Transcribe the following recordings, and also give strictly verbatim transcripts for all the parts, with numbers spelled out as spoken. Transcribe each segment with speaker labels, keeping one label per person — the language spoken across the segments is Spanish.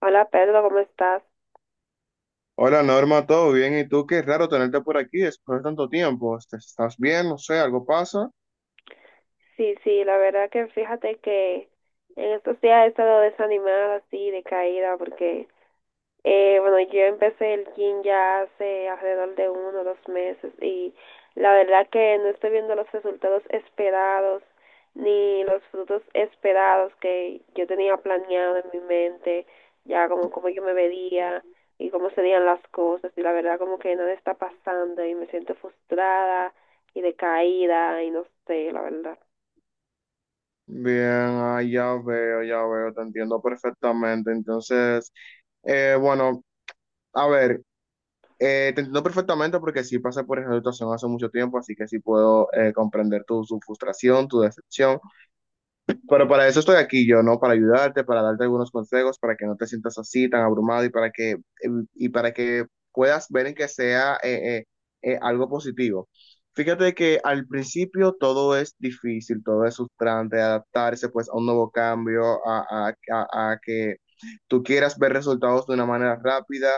Speaker 1: Hola Pedro, ¿cómo estás?
Speaker 2: Hola Norma, ¿todo bien? ¿Y tú? Qué raro tenerte por aquí después de tanto tiempo. Este, ¿estás bien? No sé, ¿algo pasa?
Speaker 1: Sí, sí, la verdad que fíjate que en estos días he estado desanimada, así, decaída, porque Eh, bueno, yo empecé el gym ya hace alrededor de uno o dos meses y la verdad que no estoy viendo los resultados esperados ni los frutos esperados que yo tenía planeado en mi mente, ya como cómo yo me vería y cómo serían las cosas, y la verdad como que nada está pasando y me siento frustrada y decaída y no sé, la verdad.
Speaker 2: Bien, ah, ya veo, ya veo, te entiendo perfectamente. Entonces, eh, bueno, a ver, eh, te entiendo perfectamente porque sí pasé por esa situación hace mucho tiempo, así que sí puedo eh, comprender tu, tu frustración, tu decepción. Pero para eso estoy aquí yo, ¿no? Para ayudarte, para darte algunos consejos, para que no te sientas así tan abrumado y para que, em, y para que puedas ver en que sea eh, eh, eh, algo positivo. Fíjate que al principio todo es difícil, todo es frustrante, adaptarse pues a un nuevo cambio, a, a, a, a que tú quieras ver resultados de una manera rápida,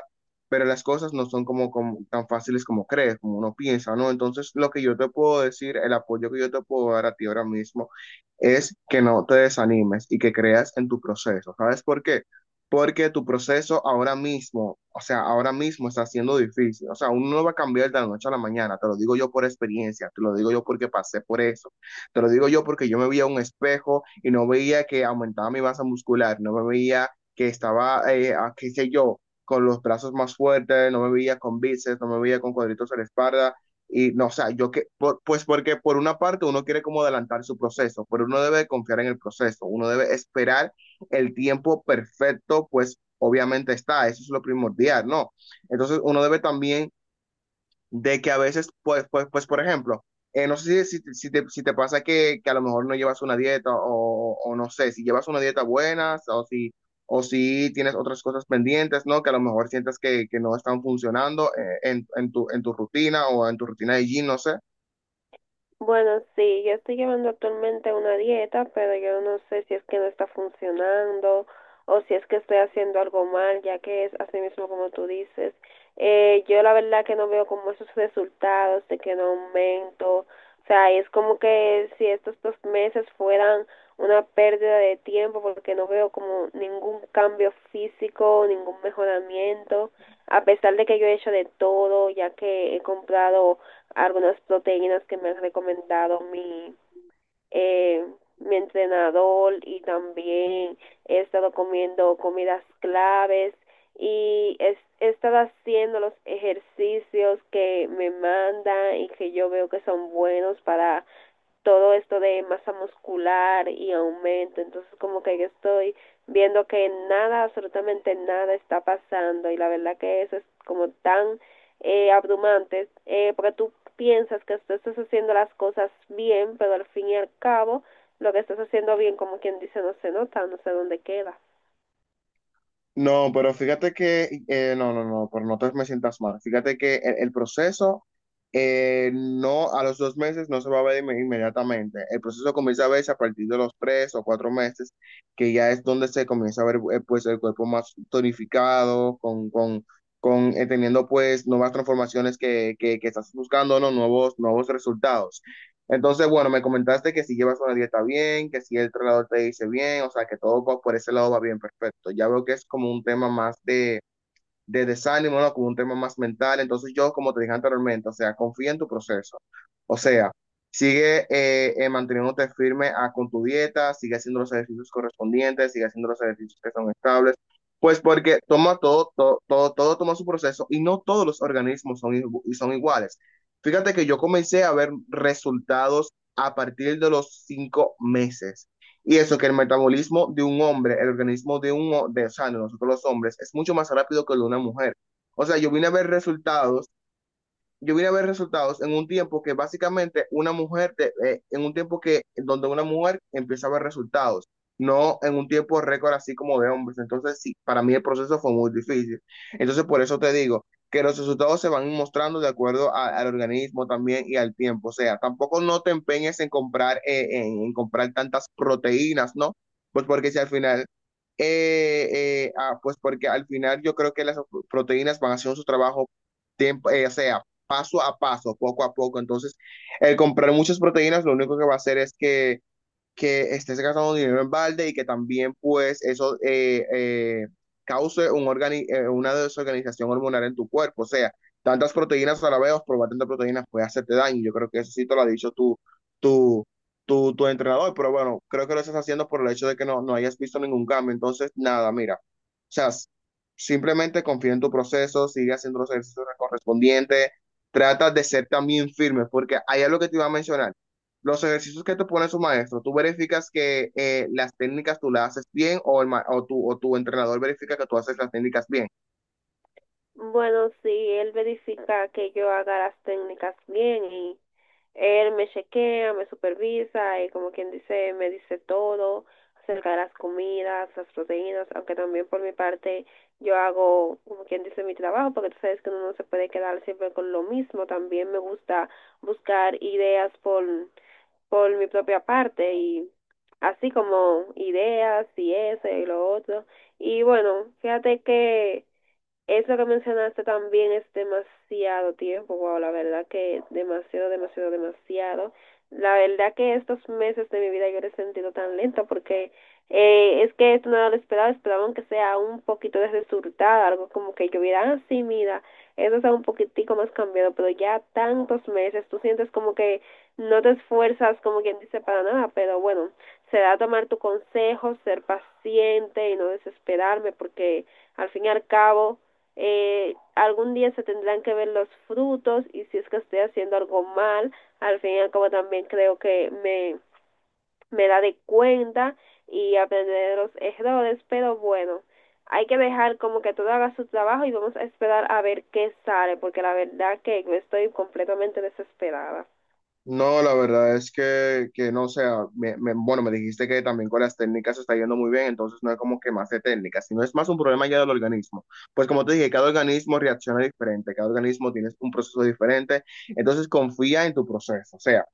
Speaker 2: pero las cosas no son como, como, tan fáciles como crees, como uno piensa, ¿no? Entonces, lo que yo te puedo decir, el apoyo que yo te puedo dar a ti ahora mismo es que no te desanimes y que creas en tu proceso. ¿Sabes por qué? Porque tu proceso ahora mismo, o sea, ahora mismo está siendo difícil. O sea, uno no va a cambiar de la noche a la mañana. Te lo digo yo por experiencia, te lo digo yo porque pasé por eso. Te lo digo yo porque yo me veía a un espejo y no veía que aumentaba mi masa muscular, no me veía que estaba, eh, a- qué sé yo, con los brazos más fuertes, no me veía con bíceps, no me veía con cuadritos en la espalda, y no, o sea, yo que, por- pues porque por una parte uno quiere como adelantar su proceso, pero uno debe confiar en el proceso, uno debe esperar el tiempo perfecto, pues obviamente está, eso es lo primordial, ¿no? Entonces uno debe también de que a veces, pues, pues, pues por ejemplo, eh, no sé si, si, si te, si te pasa que, que a lo mejor no llevas una dieta o, o no sé, si llevas una dieta buena o si, o si tienes otras cosas pendientes, ¿no? Que a lo mejor sientas que, que no están funcionando eh, en, en tu, en tu rutina o en tu rutina de gym, no sé.
Speaker 1: Bueno, sí, yo estoy llevando actualmente una dieta, pero yo no sé si es que no está funcionando o si es que estoy haciendo algo mal, ya que es así mismo como tú dices. Eh, yo la verdad que no veo como esos resultados de que no aumento. O sea, es como que si estos dos meses fueran una pérdida de tiempo porque no veo como ningún cambio físico, ningún mejoramiento, a pesar de que yo he hecho de todo, ya que he comprado algunas proteínas que me ha recomendado mi, eh, mi entrenador, y también he estado comiendo comidas claves y es, he estado haciendo los ejercicios que me mandan y que yo veo que son buenos para todo esto de masa muscular y aumento. Entonces como que yo estoy viendo que nada, absolutamente nada está pasando, y la verdad que eso es como tan eh, abrumante, eh, porque tú piensas que tú estás haciendo las cosas bien, pero al fin y al cabo lo que estás haciendo bien, como quien dice, no se nota, no sé dónde queda.
Speaker 2: No, pero fíjate que, eh, no, no, no, pero no te me sientas mal. Fíjate que el, el proceso eh, no, a los dos meses no se va a ver inme- inmediatamente. El proceso comienza a verse a partir de los tres o cuatro meses, que ya es donde se comienza a ver eh, pues el cuerpo más tonificado, con, con, con eh, teniendo pues nuevas transformaciones que, que, que estás buscando, ¿no? Nuevos, nuevos resultados. Entonces, bueno, me comentaste que si llevas una dieta bien, que si el entrenador te dice bien, o sea, que todo va por ese lado va bien, perfecto. Ya veo que es como un tema más de de desánimo, ¿no? Con un tema más mental. Entonces yo, como te dije anteriormente, o sea, confía en tu proceso. O sea, sigue eh, eh, manteniéndote firme ah, con tu dieta, sigue haciendo los ejercicios correspondientes, sigue haciendo los ejercicios que son estables. Pues porque toma todo, todo, todo, todo toma su proceso y no todos los organismos son, igu- y son iguales. Fíjate que yo comencé a ver resultados a partir de los cinco meses. Y eso que el metabolismo de un hombre, el organismo de un de o sea nosotros los hombres, es mucho más rápido que el de una mujer. O sea, yo vine a ver resultados yo vine a ver resultados en un tiempo que básicamente una mujer, de- eh, en un tiempo que donde una mujer empieza a ver resultados, no en un tiempo récord así como de hombres. Entonces, sí, para mí el proceso fue muy difícil. Entonces, por eso te digo que los resultados se van mostrando de acuerdo a- al organismo también y al tiempo. O sea, tampoco no te empeñes en comprar, eh, en, en comprar tantas proteínas, ¿no? Pues porque si al final... eh, eh, ah, Pues porque al final yo creo que las proteínas van haciendo su trabajo tiempo, eh, o sea, paso a paso, poco a poco. Entonces, el comprar muchas proteínas lo único que va a hacer es que que estés gastando dinero en balde y que también pues eso eh, eh, cause un organi- eh, una desorganización hormonal en tu cuerpo. O sea, tantas proteínas a la vez, probar tantas proteínas puede hacerte daño. Yo creo que eso sí te lo ha dicho tu, tu, tu, tu entrenador, pero bueno, creo que lo estás haciendo por el hecho de que no, no hayas visto ningún cambio. Entonces, nada, mira, o sea, s- simplemente confía en tu proceso, sigue haciendo los ejercicios correspondientes. Trata de ser también firme, porque ahí es lo que te iba a mencionar los ejercicios que te pone su maestro, tú verificas que eh, las técnicas tú las haces bien o, el ma- o, tu, o tu entrenador verifica que tú haces las técnicas bien.
Speaker 1: Bueno, sí, él verifica que yo haga las técnicas bien, y él me chequea, me supervisa y, como quien dice, me dice todo acerca de las comidas, las proteínas, aunque también por mi parte yo hago, como quien dice, mi trabajo, porque tú sabes que uno no se puede quedar siempre con lo mismo. También me gusta buscar ideas por, por mi propia parte, y así como ideas y eso y lo otro. Y bueno, fíjate que eso que mencionaste también es demasiado tiempo. Wow, la verdad que demasiado, demasiado, demasiado. La verdad que estos meses de mi vida yo lo he sentido tan lento porque eh, es que esto no era lo esperado, esperaba aunque sea un poquito de resultado, algo como que yo hubiera, ah, sí, mira, eso está un poquitico más cambiado, pero ya tantos meses, tú sientes como que no te esfuerzas, como quien dice, para nada. Pero bueno, será tomar tu consejo, ser paciente y no desesperarme, porque al fin y al cabo eh, algún día se tendrán que ver los frutos, y si es que estoy haciendo algo mal, al fin y al cabo también creo que me, me da de cuenta y aprender de los errores. Pero bueno, hay que dejar como que todo haga su trabajo y vamos a esperar a ver qué sale, porque la verdad que estoy completamente desesperada.
Speaker 2: No, la verdad es que, que no, o sea, me- me- bueno, me dijiste que también con las técnicas se está yendo muy bien, entonces no es como que más de técnicas, sino es más un problema ya del organismo. Pues como te dije, cada organismo reacciona diferente, cada organismo tiene un proceso diferente, entonces confía en tu proceso, o sea,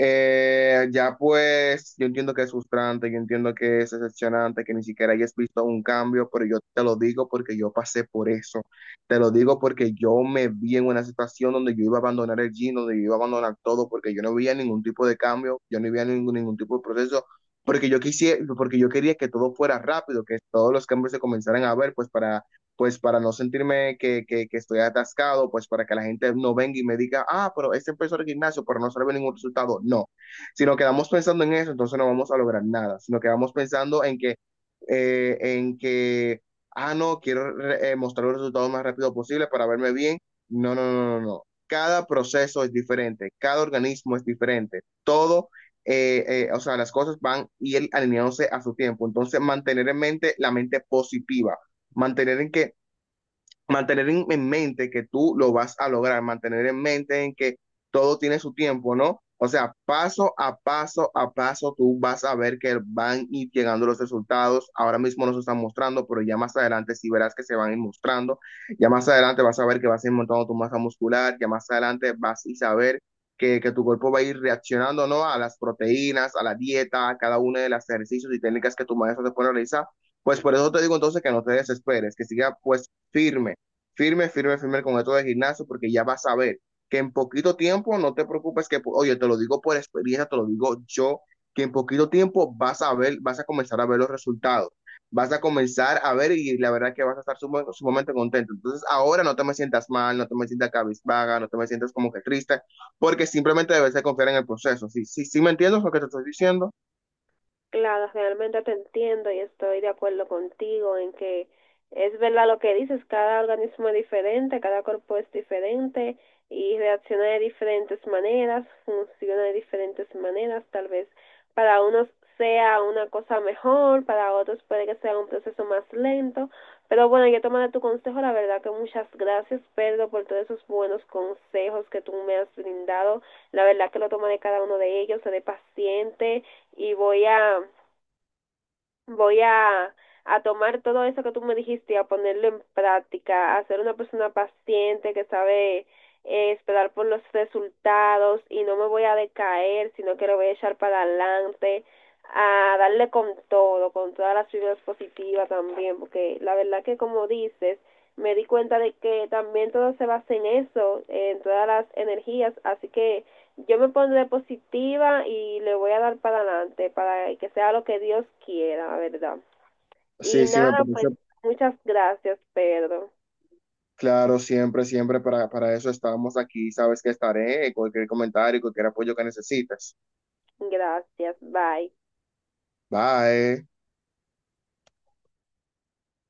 Speaker 2: eh, ya pues, yo entiendo que es frustrante, yo entiendo que es decepcionante, que ni siquiera hayas visto un cambio, pero yo te lo digo porque yo pasé por eso. Te lo digo porque yo me vi en una situación donde yo iba a abandonar el gym, donde yo iba a abandonar todo, porque yo no veía ningún tipo de cambio, yo no veía ningún, ningún tipo de proceso, porque yo quisiera, porque yo quería que todo fuera rápido, que todos los cambios se comenzaran a ver, pues para, pues para no sentirme que, que, que estoy atascado, pues para que la gente no venga y me diga, ah, pero este empezó el gimnasio, pero no sale ningún resultado. No, si nos quedamos pensando en eso, entonces no vamos a lograr nada, si nos quedamos pensando en que, eh, en que ah, no, quiero eh, mostrar los resultados más rápido posible para verme bien. No, no, no, no, no. Cada proceso es diferente, cada organismo es diferente, todo, eh, eh, o sea, las cosas van y él alineándose a su tiempo. Entonces, mantener en mente la mente positiva, mantener en que mantener en, en mente que tú lo vas a lograr, mantener en mente en que todo tiene su tiempo, ¿no? O sea, paso a paso a paso, tú vas a ver que van a ir llegando los resultados. Ahora mismo no se están mostrando, pero ya más adelante sí verás que se van a ir mostrando. Ya más adelante vas a ver que vas a ir montando tu masa muscular. Ya más adelante vas a saber que, que tu cuerpo va a ir reaccionando, ¿no? A las proteínas, a la dieta, a cada uno de los ejercicios y técnicas que tu maestro te pone a realizar. Pues por eso te digo entonces que no te desesperes, que siga pues firme firme, firme, firme con esto de gimnasio, porque ya vas a ver que en poquito tiempo, no te preocupes que, oye, te lo digo por experiencia, te lo digo yo, que en poquito tiempo vas a ver, vas a comenzar a ver los resultados, vas a comenzar a ver y la verdad que vas a estar sum sumamente contento. Entonces ahora no te me sientas mal, no te me sientas cabizbaja, no te me sientas como que triste, porque simplemente debes de confiar en el proceso. Sí, sí, sí me entiendes lo que te estoy diciendo.
Speaker 1: Claro, realmente te entiendo y estoy de acuerdo contigo en que es verdad lo que dices, cada organismo es diferente, cada cuerpo es diferente y reacciona de diferentes maneras, funciona de diferentes maneras. Tal vez para unos sea una cosa mejor, para otros puede que sea un proceso más lento, pero bueno, yo tomaré tu consejo. La verdad que muchas gracias, Pedro, por todos esos buenos consejos que tú me has brindado. La verdad que lo tomaré, cada uno de ellos, seré paciente y voy a voy a, a tomar todo eso que tú me dijiste y a ponerlo en práctica, a ser una persona paciente que sabe eh, esperar por los resultados, y no me voy a decaer, sino que lo voy a echar para adelante, a darle con todo, con todas las fibras positivas también, porque la verdad que como dices, me di cuenta de que también todo se basa en eso, en todas las energías, así que yo me pondré positiva y le voy a dar para adelante para que sea lo que Dios quiera, la verdad. Y
Speaker 2: Sí, sí, me
Speaker 1: nada,
Speaker 2: parece.
Speaker 1: pues muchas gracias, Pedro.
Speaker 2: Claro, siempre, siempre para, para eso estamos aquí. Sabes que estaré. Cualquier comentario, cualquier apoyo que necesites.
Speaker 1: Gracias, bye.
Speaker 2: Bye.